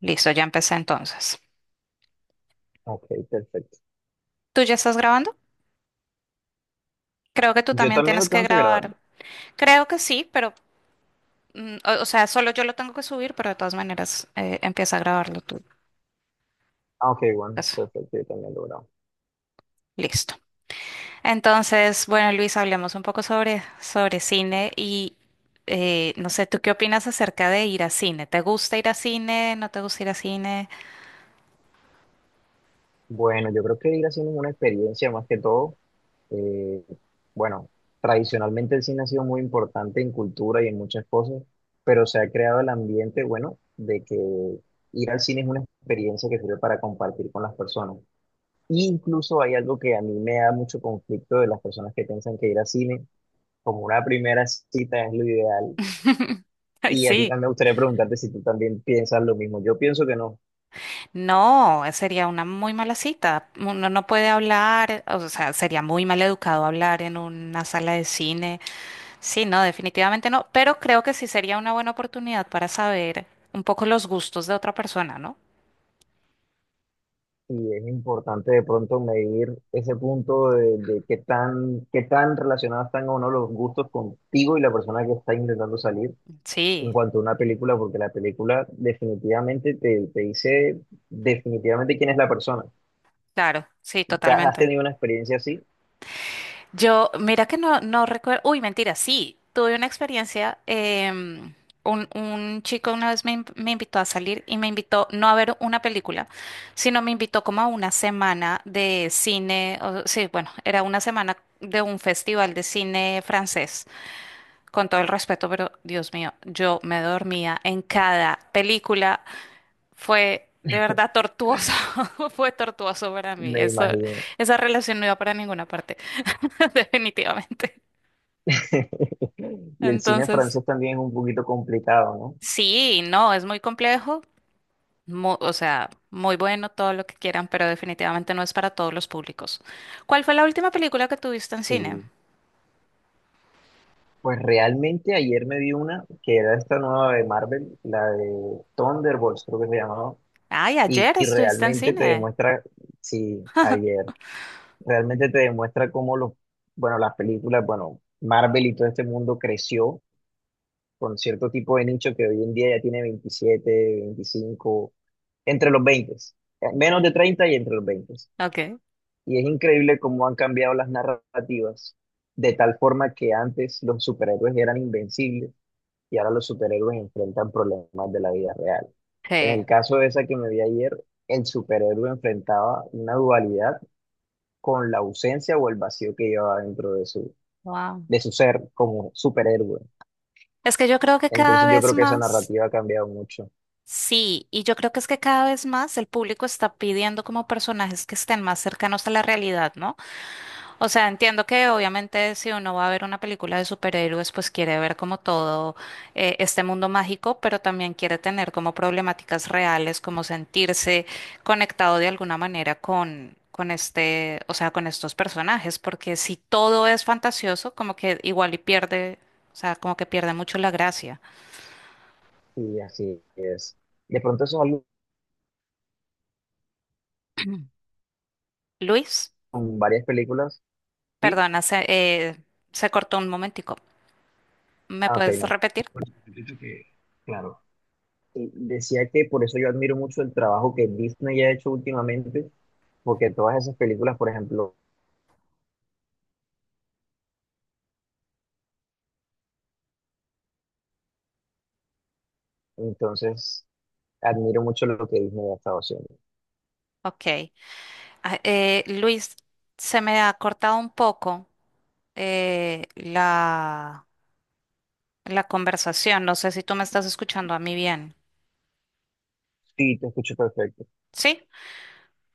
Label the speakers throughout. Speaker 1: Listo, ya empecé entonces.
Speaker 2: Ok, perfecto.
Speaker 1: ¿Tú ya estás grabando? Creo que tú
Speaker 2: Yo
Speaker 1: también
Speaker 2: también
Speaker 1: tienes
Speaker 2: lo
Speaker 1: que
Speaker 2: tengo que grabar.
Speaker 1: grabar. Creo que sí, pero, o sea, solo yo lo tengo que subir, pero de todas maneras empieza a grabarlo tú.
Speaker 2: Ah, ok, bueno,
Speaker 1: Eso,
Speaker 2: perfecto, yo también lo grabo.
Speaker 1: listo. Entonces, bueno, Luis, hablemos un poco sobre cine y no sé, ¿tú qué opinas acerca de ir a cine? ¿Te gusta ir a cine? ¿No te gusta ir a cine?
Speaker 2: Bueno, yo creo que ir haciendo es una experiencia más que todo. eh, bueno, tradicionalmente el cine ha sido muy importante en cultura y en muchas cosas, pero se ha creado el ambiente, bueno, de que ir al cine es una experiencia que sirve para compartir con las personas. Y incluso hay algo que a mí me da mucho conflicto de las personas que piensan que ir al cine como una primera cita es lo ideal.
Speaker 1: Ay,
Speaker 2: Y a ti
Speaker 1: sí.
Speaker 2: a mí me gustaría preguntarte si tú también piensas lo mismo. Yo pienso que no.
Speaker 1: No, sería una muy mala cita. Uno no puede hablar, o sea, sería muy mal educado hablar en una sala de cine. Sí, no, definitivamente no, pero creo que sí sería una buena oportunidad para saber un poco los gustos de otra persona, ¿no?
Speaker 2: Y es importante de pronto medir ese punto de qué tan relacionados están o no los gustos contigo y la persona que está intentando salir en
Speaker 1: Sí,
Speaker 2: cuanto a una película, porque la película definitivamente te dice definitivamente quién es la persona.
Speaker 1: claro, sí,
Speaker 2: ¿Te ¿Has
Speaker 1: totalmente.
Speaker 2: tenido una experiencia así?
Speaker 1: Yo, mira que no, no recuerdo, uy, mentira, sí, tuve una experiencia, un chico una vez me invitó a salir y me invitó no a ver una película, sino me invitó como a una semana de cine, sí, bueno, era una semana de un festival de cine francés, con todo el respeto, pero Dios mío, yo me dormía en cada película, fue de verdad tortuoso, fue tortuoso para mí,
Speaker 2: Me
Speaker 1: eso,
Speaker 2: imagino.
Speaker 1: esa relación no iba para ninguna parte, definitivamente.
Speaker 2: Y el cine
Speaker 1: Entonces,
Speaker 2: francés también es un poquito complicado, ¿no?
Speaker 1: sí, no, es muy complejo, o sea, muy bueno todo lo que quieran, pero definitivamente no es para todos los públicos. ¿Cuál fue la última película que tuviste en cine?
Speaker 2: Sí. Pues realmente ayer me vi una que era esta nueva de Marvel, la de Thunderbolts creo que se llamaba,
Speaker 1: Ay,
Speaker 2: y,
Speaker 1: ayer
Speaker 2: y
Speaker 1: estuviste en
Speaker 2: realmente te
Speaker 1: cine.
Speaker 2: demuestra, sí, ayer, realmente te demuestra cómo los, bueno, las películas, bueno, Marvel y todo este mundo creció con cierto tipo de nicho que hoy en día ya tiene 27, 25, entre los 20, menos de 30 y entre los 20.
Speaker 1: Ok.
Speaker 2: Y es increíble cómo han cambiado las narrativas, de tal forma que antes los superhéroes eran invencibles y ahora los superhéroes enfrentan problemas de la vida real. En
Speaker 1: Sí.
Speaker 2: el caso de esa que me vi ayer, el superhéroe enfrentaba una dualidad con la ausencia o el vacío que llevaba dentro de su,
Speaker 1: Wow.
Speaker 2: de su ser como superhéroe.
Speaker 1: Es que yo creo que cada
Speaker 2: Entonces yo
Speaker 1: vez
Speaker 2: creo que esa
Speaker 1: más,
Speaker 2: narrativa ha cambiado mucho
Speaker 1: sí, y yo creo que es que cada vez más el público está pidiendo como personajes que estén más cercanos a la realidad, ¿no? O sea, entiendo que obviamente si uno va a ver una película de superhéroes, pues quiere ver como todo este mundo mágico, pero también quiere tener como problemáticas reales, como sentirse conectado de alguna manera con este, o sea, con estos personajes, porque si todo es fantasioso, como que igual y pierde, o sea, como que pierde mucho la gracia.
Speaker 2: y así es. De pronto eso es algo
Speaker 1: Luis,
Speaker 2: con varias películas, ¿sí?
Speaker 1: perdona, se cortó un momentico. ¿Me
Speaker 2: Ah, ok,
Speaker 1: puedes
Speaker 2: no.
Speaker 1: repetir?
Speaker 2: Repito que, claro. Y decía que por eso yo admiro mucho el trabajo que Disney ha hecho últimamente, porque todas esas películas, por ejemplo, entonces admiro mucho lo que Disney ha estado haciendo.
Speaker 1: Ok. Ah, Luis, se me ha cortado un poco eh, la, la conversación. No sé si tú me estás escuchando a mí bien.
Speaker 2: Sí, te escucho perfecto.
Speaker 1: ¿Sí?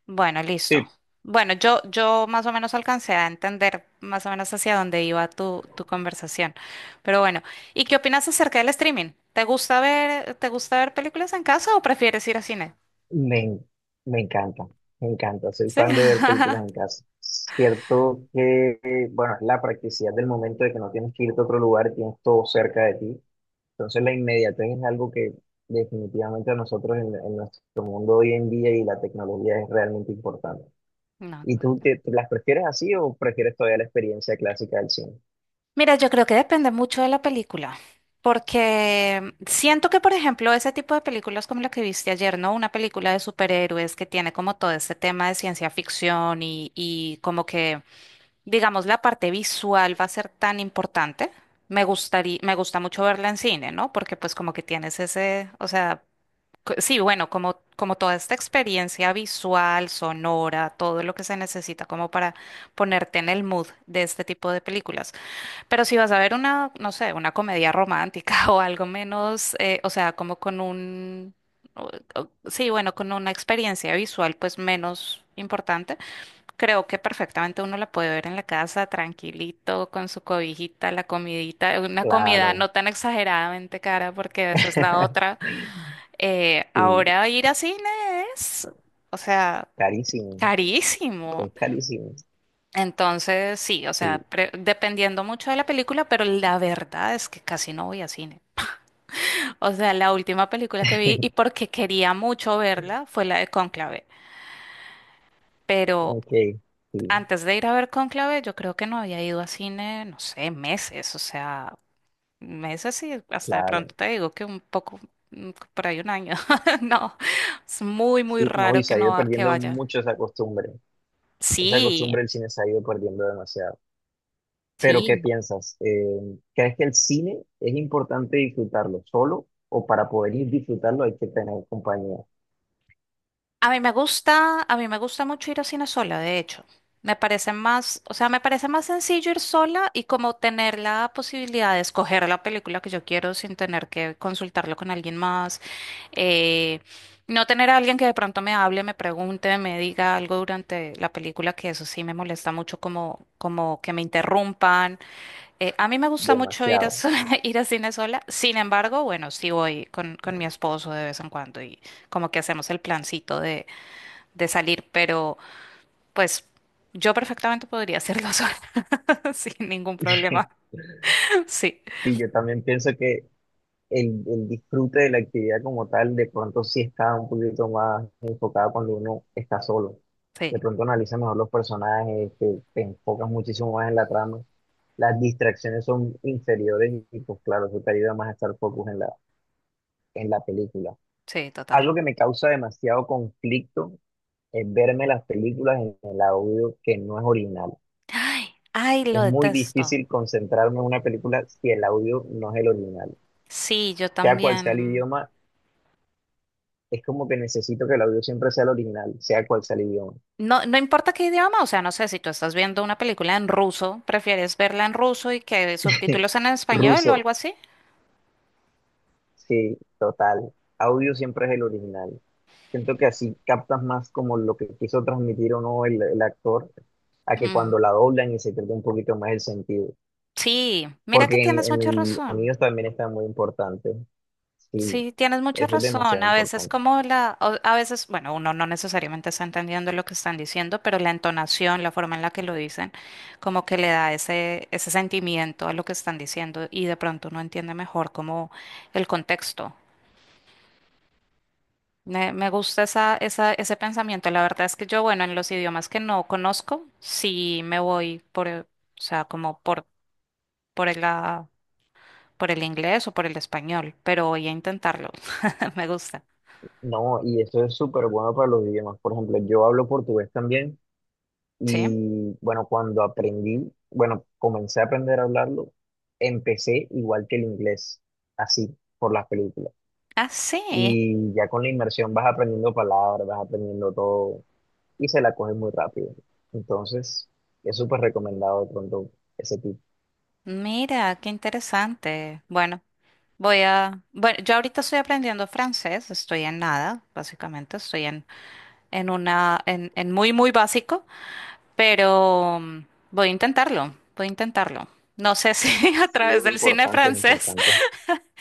Speaker 1: Bueno, listo.
Speaker 2: Sí,
Speaker 1: Bueno, yo más o menos alcancé a entender más o menos hacia dónde iba tu conversación. Pero bueno, ¿y qué opinas acerca del streaming? ¿Te gusta ver películas en casa o prefieres ir al cine?
Speaker 2: me, en- me encanta, me encanta. Soy
Speaker 1: Sí.
Speaker 2: fan de ver películas en casa. Cierto que, bueno, es la practicidad del momento de que no tienes que irte a otro lugar, tienes todo cerca de ti. Entonces la inmediatez es algo que definitivamente a nosotros en nuestro mundo hoy en día y la tecnología es realmente importante.
Speaker 1: No.
Speaker 2: ¿Y tú
Speaker 1: Ok.
Speaker 2: te las prefieres así o prefieres todavía la experiencia clásica del cine?
Speaker 1: Mira, yo creo que depende mucho de la película, porque siento que, por ejemplo, ese tipo de películas como la que viste ayer, ¿no? Una película de superhéroes que tiene como todo ese tema de ciencia ficción y como que, digamos, la parte visual va a ser tan importante. Me gusta mucho verla en cine, ¿no? Porque pues como que tienes ese, o sea, sí, bueno, como toda esta experiencia visual, sonora, todo lo que se necesita como para ponerte en el mood de este tipo de películas. Pero si vas a ver una, no sé, una comedia romántica o algo menos, o sea, como con un, o- sí, bueno, con una experiencia visual pues menos importante, creo que perfectamente uno la puede ver en la casa tranquilito, con su cobijita, la comidita, una comida
Speaker 2: Claro,
Speaker 1: no tan exageradamente cara porque esa es la otra.
Speaker 2: sí,
Speaker 1: Ahora ir a cine es, o sea,
Speaker 2: carísimo,
Speaker 1: carísimo.
Speaker 2: es carísimo.
Speaker 1: Entonces, sí, o sea,
Speaker 2: Sí,
Speaker 1: dependiendo mucho de la película, pero la verdad es que casi no voy a cine. O sea, la última película que vi y porque quería mucho verla fue la de Cónclave. Pero
Speaker 2: ok, sí,
Speaker 1: antes de ir a ver Cónclave, yo creo que no había ido a cine, no sé, meses. O sea, meses y hasta de pronto
Speaker 2: claro.
Speaker 1: te digo que un poco, por ahí un año. No, es muy, muy
Speaker 2: Sí, no, y
Speaker 1: raro
Speaker 2: se
Speaker 1: que
Speaker 2: ha
Speaker 1: no
Speaker 2: ido
Speaker 1: va- que
Speaker 2: perdiendo
Speaker 1: vaya.
Speaker 2: mucho esa costumbre. Esa
Speaker 1: Sí,
Speaker 2: costumbre del cine se ha ido perdiendo demasiado. Pero, ¿qué
Speaker 1: sí.
Speaker 2: piensas? ¿Crees que el cine es importante disfrutarlo solo o para poder disfrutarlo hay que tener compañía?
Speaker 1: A mí me gusta mucho ir a cine sola, de hecho. Me parece más sencillo ir sola y como tener la posibilidad de escoger la película que yo quiero sin tener que consultarlo con alguien más. eh, no tener a alguien que de pronto me hable, me pregunte, me diga algo durante la película, que eso sí me molesta mucho, como que me interrumpan. A mí me gusta mucho
Speaker 2: Demasiado.
Speaker 1: ir a cine sola. Sin embargo, bueno, sí voy con mi esposo de vez en cuando y como que hacemos el plancito de salir, pero pues yo perfectamente podría hacerlo sola, sin ningún problema. Sí,
Speaker 2: Y yo también pienso que el disfrute de la actividad como tal, de pronto sí está un poquito más enfocada cuando uno está solo.
Speaker 1: sí,
Speaker 2: De pronto analiza mejor los personajes, te enfocas muchísimo más en la trama. Las distracciones son inferiores y pues claro, eso te ayuda más a estar focus en la, película.
Speaker 1: sí, total.
Speaker 2: Algo que me causa demasiado conflicto es verme las películas en el audio que no es original.
Speaker 1: Ay, ay, lo
Speaker 2: Es muy
Speaker 1: detesto.
Speaker 2: difícil concentrarme en una película si el audio no es el original
Speaker 1: Sí, yo
Speaker 2: sea cual sea el
Speaker 1: también.
Speaker 2: idioma, es como que necesito que el audio siempre sea el original, sea cual sea el idioma.
Speaker 1: No, no importa qué idioma, o sea, no sé, si tú estás viendo una película en ruso, ¿prefieres verla en ruso y que subtítulos en español o
Speaker 2: Ruso,
Speaker 1: algo así?
Speaker 2: sí, total. Audio siempre es el original. Siento que así captas más como lo que quiso transmitir o no el actor, a que
Speaker 1: Mm,
Speaker 2: cuando la doblan y se pierde un poquito más el sentido.
Speaker 1: sí, mira que
Speaker 2: Porque en,
Speaker 1: tienes
Speaker 2: en
Speaker 1: mucha
Speaker 2: el
Speaker 1: razón.
Speaker 2: sonido también está muy importante. Sí,
Speaker 1: Sí, tienes mucha
Speaker 2: eso es
Speaker 1: razón.
Speaker 2: demasiado
Speaker 1: A veces
Speaker 2: importante.
Speaker 1: como a veces, bueno, uno no necesariamente está entendiendo lo que están diciendo, pero la entonación, la forma en la que lo dicen, como que le da ese sentimiento a lo que están diciendo y de pronto uno entiende mejor como el contexto. Me gusta ese pensamiento. La verdad es que yo, bueno, en los idiomas que no conozco, sí me voy por, o sea, por el, por el inglés o por el español, pero voy a intentarlo. Me gusta.
Speaker 2: No, y eso es súper bueno para los idiomas. Por ejemplo, yo hablo portugués también.
Speaker 1: Sí.
Speaker 2: Y bueno, cuando aprendí, bueno, comencé a aprender a hablarlo, empecé igual que el inglés, así, por las películas.
Speaker 1: Ah, sí.
Speaker 2: Y ya con la inmersión vas aprendiendo palabras, vas aprendiendo todo y se la coges muy rápido. Entonces, es súper recomendado de pronto ese tipo.
Speaker 1: Mira, qué interesante. Bueno, voy a... Bueno, yo ahorita estoy aprendiendo francés, estoy en nada, básicamente, estoy en una, en muy, muy básico, pero voy a intentarlo, voy a intentarlo. No sé si a
Speaker 2: Sí,
Speaker 1: través
Speaker 2: es
Speaker 1: del cine
Speaker 2: importante, es
Speaker 1: francés,
Speaker 2: importante.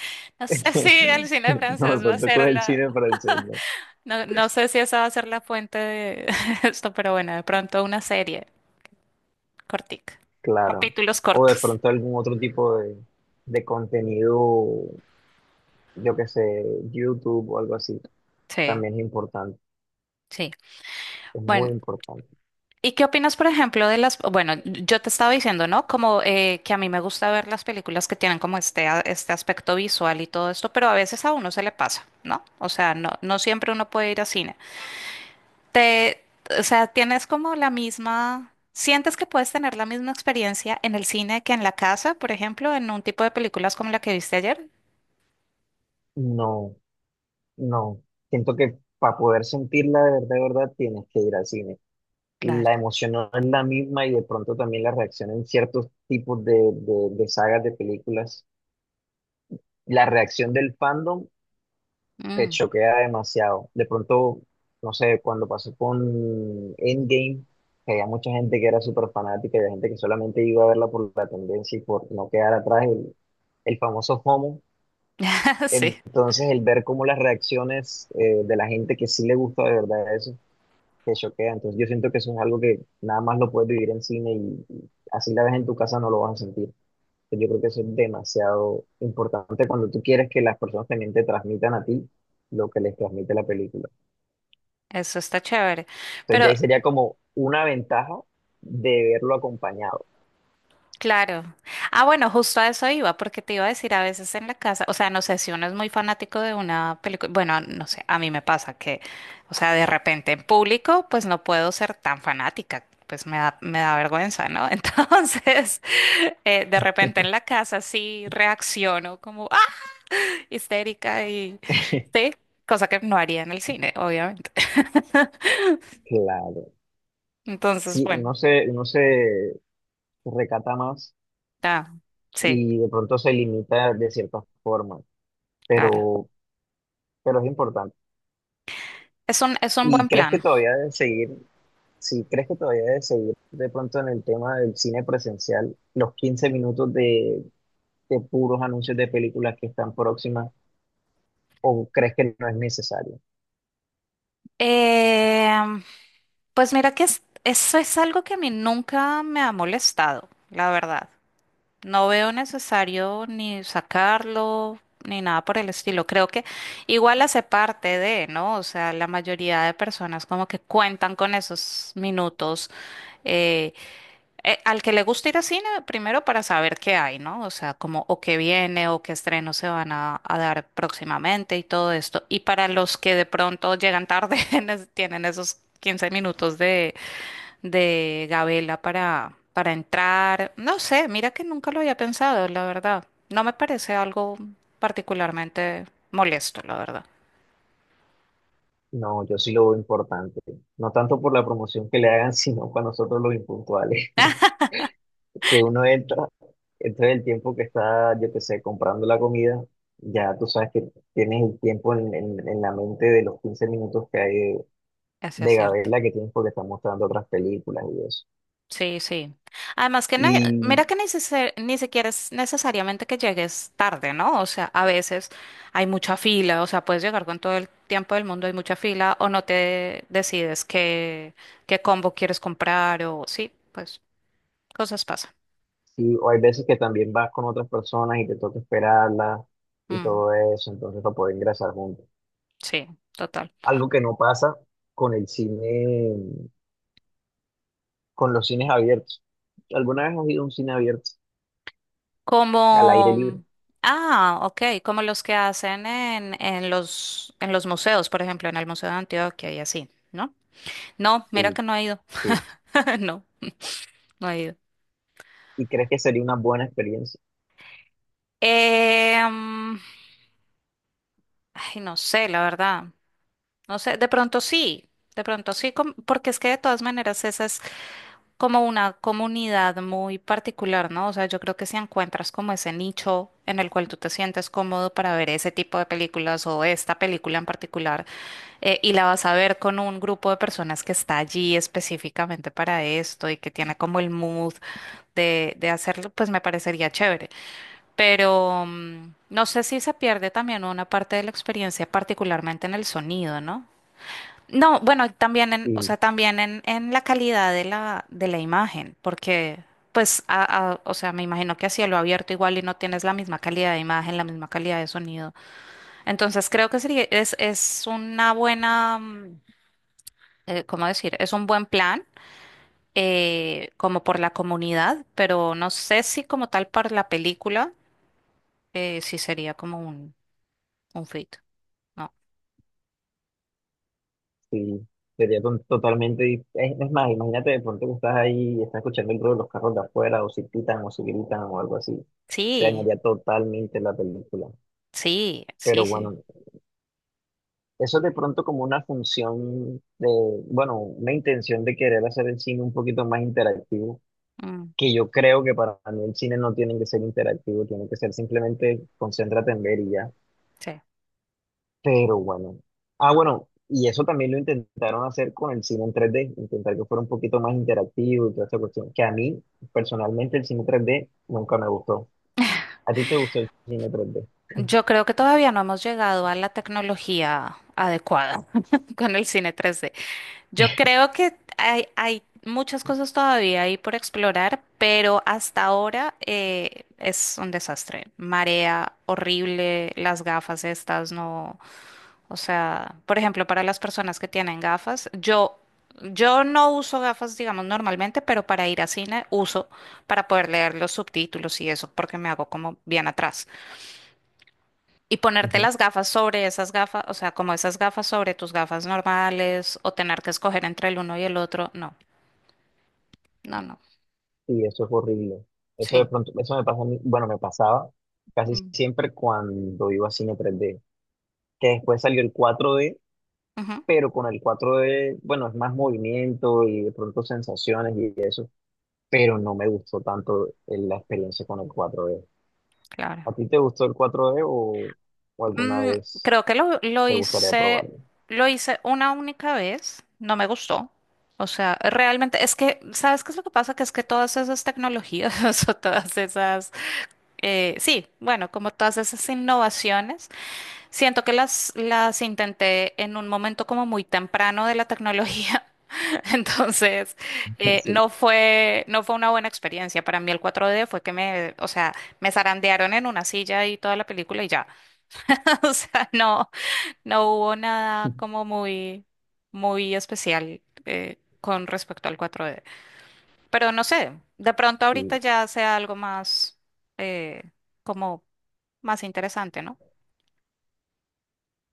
Speaker 1: no sé si
Speaker 2: No,
Speaker 1: el cine
Speaker 2: de
Speaker 1: francés va a
Speaker 2: pronto con
Speaker 1: ser
Speaker 2: el
Speaker 1: la...
Speaker 2: cine francés, ¿no?
Speaker 1: No, no sé si esa va a ser la fuente de esto, pero bueno, de pronto una serie cortica,
Speaker 2: Claro.
Speaker 1: capítulos
Speaker 2: O de
Speaker 1: cortos.
Speaker 2: pronto algún otro tipo de contenido, yo qué sé, YouTube o algo así.
Speaker 1: Sí,
Speaker 2: También es importante,
Speaker 1: sí.
Speaker 2: es muy
Speaker 1: Bueno.
Speaker 2: importante.
Speaker 1: ¿Y qué opinas, por ejemplo, de las... Bueno, yo te estaba diciendo, ¿no? Como que a mí me gusta ver las películas que tienen como este aspecto visual y todo esto, pero a veces a uno se le pasa, ¿no? O sea, no, no siempre uno puede ir a cine. Te, o sea, tienes como la misma... ¿Sientes que puedes tener la misma experiencia en el cine que en la casa, por ejemplo, en un tipo de películas como la que viste ayer?
Speaker 2: No, no. Siento que para poder sentirla de verdad, tienes que ir al cine. La
Speaker 1: Claro.
Speaker 2: emoción no es la misma y de pronto también la reacción en ciertos tipos de sagas de películas. La reacción del fandom te
Speaker 1: Mm.
Speaker 2: choquea demasiado. De pronto, no sé, cuando pasó con Endgame, que había mucha gente que era súper fanática y había gente que solamente iba a verla por la tendencia y por no quedar atrás, el famoso FOMO.
Speaker 1: Sí,
Speaker 2: Entonces, el ver cómo las reacciones de la gente que sí le gusta de verdad eso, te choquea. Entonces, yo siento que eso es algo que nada más lo puedes vivir en cine y así la ves en tu casa no lo vas a sentir. Yo creo que eso es demasiado importante cuando tú quieres que las personas también te transmitan a ti lo que les transmite la película.
Speaker 1: eso está chévere.
Speaker 2: Entonces, ya
Speaker 1: Pero
Speaker 2: ahí sería como una ventaja de verlo acompañado.
Speaker 1: claro. Ah, bueno, justo a eso iba, porque te iba a decir a veces en la casa, o sea, no sé si uno es muy fanático de una película, bueno, no sé, a mí me pasa que, o sea, de repente en público, pues no puedo ser tan fanática, pues me da vergüenza, ¿no? Entonces, de repente en la casa sí reacciono como, ah, histérica y, sí, cosa que no haría en el cine, obviamente.
Speaker 2: Claro.
Speaker 1: Entonces,
Speaker 2: Sí,
Speaker 1: bueno,
Speaker 2: uno se recata más
Speaker 1: ah, sí,
Speaker 2: y de pronto se limita de cierta forma.
Speaker 1: claro.
Speaker 2: Pero pero es importante.
Speaker 1: Es un
Speaker 2: ¿Y
Speaker 1: buen
Speaker 2: crees que
Speaker 1: plan.
Speaker 2: todavía debes seguir, si crees que todavía debes seguir de pronto en el tema del cine presencial, los 15 minutos de puros anuncios de películas que están próximas, o crees que no es necesario?
Speaker 1: Em, pues mira que eso es algo que a mí nunca me ha molestado, la verdad. No veo necesario ni sacarlo ni nada por el estilo. Creo que igual hace parte de, ¿no? O sea, la mayoría de personas como que cuentan con esos minutos. eh, Al que le gusta ir a cine, primero para saber qué hay, ¿no? O sea, como o qué viene o qué estrenos se van a dar próximamente y todo esto. Y para los que de pronto llegan tarde, tienen esos 15 minutos de gabela para entrar. No sé, mira que nunca lo había pensado, la verdad. No me parece algo particularmente molesto, la verdad.
Speaker 2: No, yo sí lo veo importante. No tanto por la promoción que le hagan, sino para nosotros los impuntuales, que uno entra, entra el tiempo que está, yo qué sé, comprando la comida. Ya tú sabes que tienes el tiempo en, en la mente de los 15 minutos que hay
Speaker 1: Ese es
Speaker 2: de
Speaker 1: cierto.
Speaker 2: Gabela que tienes porque están mostrando otras películas y eso.
Speaker 1: Sí, sí. Además que,
Speaker 2: Y,
Speaker 1: mira que ni siquiera es necesariamente que llegues tarde, ¿no? O sea, a veces hay mucha fila, o sea, puedes llegar con todo el tiempo del mundo, hay mucha fila, o no te decides qué, qué combo quieres comprar, o sí, pues cosas pasan.
Speaker 2: o hay veces que también vas con otras personas y te toca esperarlas y
Speaker 1: Mm,
Speaker 2: todo eso, entonces para poder ingresar juntos.
Speaker 1: sí, total.
Speaker 2: Algo que no pasa con el cine, con los cines abiertos. ¿Alguna vez has ido a un cine abierto, al aire libre?
Speaker 1: Como, ah, ok, como los que hacen en los museos, por ejemplo, en el Museo de Antioquia y así, ¿no? No, mira
Speaker 2: Sí,
Speaker 1: que no he ido,
Speaker 2: sí.
Speaker 1: no, no he ido.
Speaker 2: ¿Y crees que sería una buena experiencia?
Speaker 1: Eh, mm, ay, no sé, la verdad. No sé, de pronto sí, porque es que de todas maneras esa es como una comunidad muy particular, ¿no? O sea, yo creo que si encuentras como ese nicho en el cual tú te sientes cómodo para ver ese tipo de películas o esta película en particular, y la vas a ver con un grupo de personas que está allí específicamente para esto y que tiene como el mood de hacerlo, pues me parecería chévere pero no sé si se pierde también una parte de la experiencia, particularmente en el sonido, ¿no? No, bueno, y también en, o sea, también en la calidad de la imagen, porque pues, o sea, me imagino que a cielo abierto igual y no tienes la misma calidad de imagen, la misma calidad de sonido. Entonces creo que sería, es una buena, ¿cómo decir? Es un buen plan, como por la comunidad, pero no sé si como tal para la película, sí sería como un frito. No.
Speaker 2: Sí, sería totalmente. Es más, imagínate de pronto que estás ahí y estás escuchando el ruido de los carros de afuera, o si pitan, o si gritan, o algo así. Te
Speaker 1: Sí,
Speaker 2: dañaría totalmente la película.
Speaker 1: sí,
Speaker 2: Pero
Speaker 1: sí, sí.
Speaker 2: bueno, eso es de pronto como una función de, bueno, una intención de querer hacer el cine un poquito más interactivo,
Speaker 1: Mm,
Speaker 2: que yo creo que para mí el cine no tiene que ser interactivo, tiene que ser simplemente concéntrate en ver y ya.
Speaker 1: sí.
Speaker 2: Pero bueno. Ah, bueno, y eso también lo intentaron hacer con el cine en tres d, intentar que fuera un poquito más interactivo y toda esa cuestión, que a mí personalmente el cine tres d nunca me gustó. ¿A ti te gustó el cine tres d?
Speaker 1: Yo creo que todavía no hemos llegado a la tecnología adecuada con el cine 3D. Yo creo que hay muchas cosas todavía ahí por explorar, pero hasta ahora es un desastre. Marea horrible, las gafas estas no. O sea, por ejemplo, para las personas que tienen gafas, yo no uso gafas, digamos, normalmente, pero para ir a cine uso para poder leer los subtítulos y eso, porque me hago como bien atrás. Y ponerte
Speaker 2: Ujú.
Speaker 1: las gafas sobre esas gafas, o sea, como esas gafas sobre tus gafas normales, o tener que escoger entre el uno y el otro, no, no, no,
Speaker 2: Y eso es horrible. Eso de
Speaker 1: sí.
Speaker 2: pronto, eso me pasa a mí, bueno, me pasaba casi
Speaker 1: Mm.
Speaker 2: siempre cuando iba a cine tres d, que después salió el cuatro d,
Speaker 1: Ujú,
Speaker 2: pero con el cuatro d, bueno, es más movimiento y de pronto sensaciones y eso, pero no me gustó tanto la experiencia con el cuatro d.
Speaker 1: claro.
Speaker 2: ¿A ti te gustó el cuatro d o alguna
Speaker 1: Mm,
Speaker 2: vez
Speaker 1: creo que lo, lo
Speaker 2: te gustaría
Speaker 1: hice,
Speaker 2: probarlo?
Speaker 1: lo hice una única vez, no me gustó. O sea, realmente es que, ¿sabes qué es lo que pasa? Que es que todas esas tecnologías o todas esas, sí, bueno, como todas esas innovaciones, siento que las intenté en un momento como muy temprano de la tecnología. Entonces,
Speaker 2: Sí,
Speaker 1: no fue una buena experiencia. Para mí el cuatro d fue que me, o sea, me zarandearon en una silla y toda la película y ya. O sea, no. No hubo nada como muy, muy especial con respecto al cuatro d. Pero no sé, de pronto ahorita
Speaker 2: sí,
Speaker 1: ya sea algo más, eh, como más interesante, ¿no?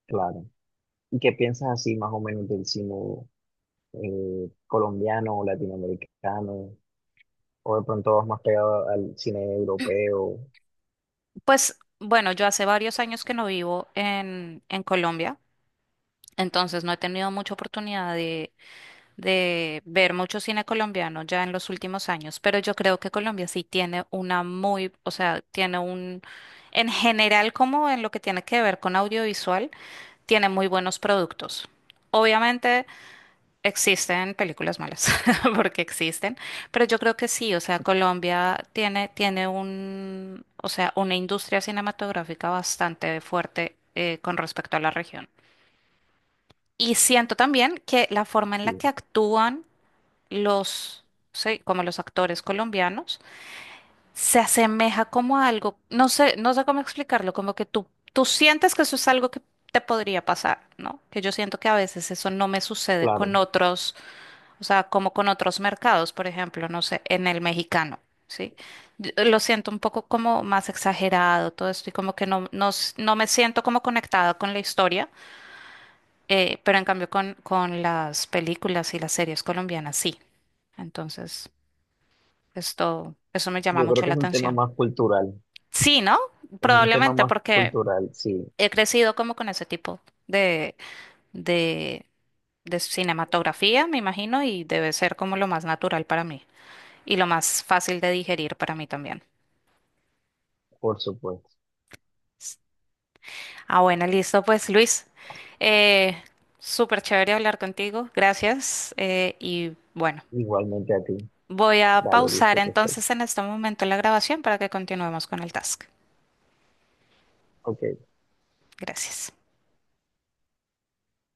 Speaker 2: claro. ¿Y qué piensas así más o menos del cine colombiano o latinoamericano? ¿O de pronto vas más pegado al cine europeo?
Speaker 1: Pues bueno, yo hace varios años que no vivo en Colombia, entonces no he tenido mucha oportunidad de ver mucho cine colombiano ya en los últimos años, pero yo creo que Colombia sí tiene una muy, o sea, tiene un, en general como en lo que tiene que ver con audiovisual, tiene muy buenos productos. Obviamente existen películas malas, porque existen, pero yo creo que sí, o sea, Colombia tiene, tiene un, o sea, una industria cinematográfica bastante fuerte con respecto a la región. Y siento también que la forma en la
Speaker 2: Sí,
Speaker 1: que actúan los, sí, como los actores colombianos, se asemeja como a algo, no sé, no sé cómo explicarlo, como que tú sientes que eso es algo que te podría pasar, ¿no? Que yo siento que a veces eso no me sucede
Speaker 2: claro.
Speaker 1: con otros, o sea, como con otros mercados, por ejemplo, no sé, en el mexicano. Sí, yo lo siento un poco como más exagerado todo esto y como que no, no, no me siento como conectada con la historia, pero en cambio con, las películas y las series colombianas sí. Entonces, eso me llama
Speaker 2: Yo creo
Speaker 1: mucho
Speaker 2: que
Speaker 1: la
Speaker 2: es un tema
Speaker 1: atención.
Speaker 2: más cultural.
Speaker 1: Sí, ¿no?
Speaker 2: Es un tema
Speaker 1: Probablemente
Speaker 2: más
Speaker 1: porque
Speaker 2: cultural, sí,
Speaker 1: he crecido como con ese tipo de, de, de cinematografía, me imagino, y debe ser como lo más natural para mí y lo más fácil de digerir para mí también.
Speaker 2: por supuesto.
Speaker 1: Ah, bueno, listo, pues Luis, eh, súper chévere hablar contigo, gracias. Y bueno,
Speaker 2: Igualmente a ti.
Speaker 1: voy a
Speaker 2: Dale,
Speaker 1: pausar
Speaker 2: listo, perfecto.
Speaker 1: entonces en este momento la grabación para que continuemos con el task.
Speaker 2: Ok.
Speaker 1: Gracias.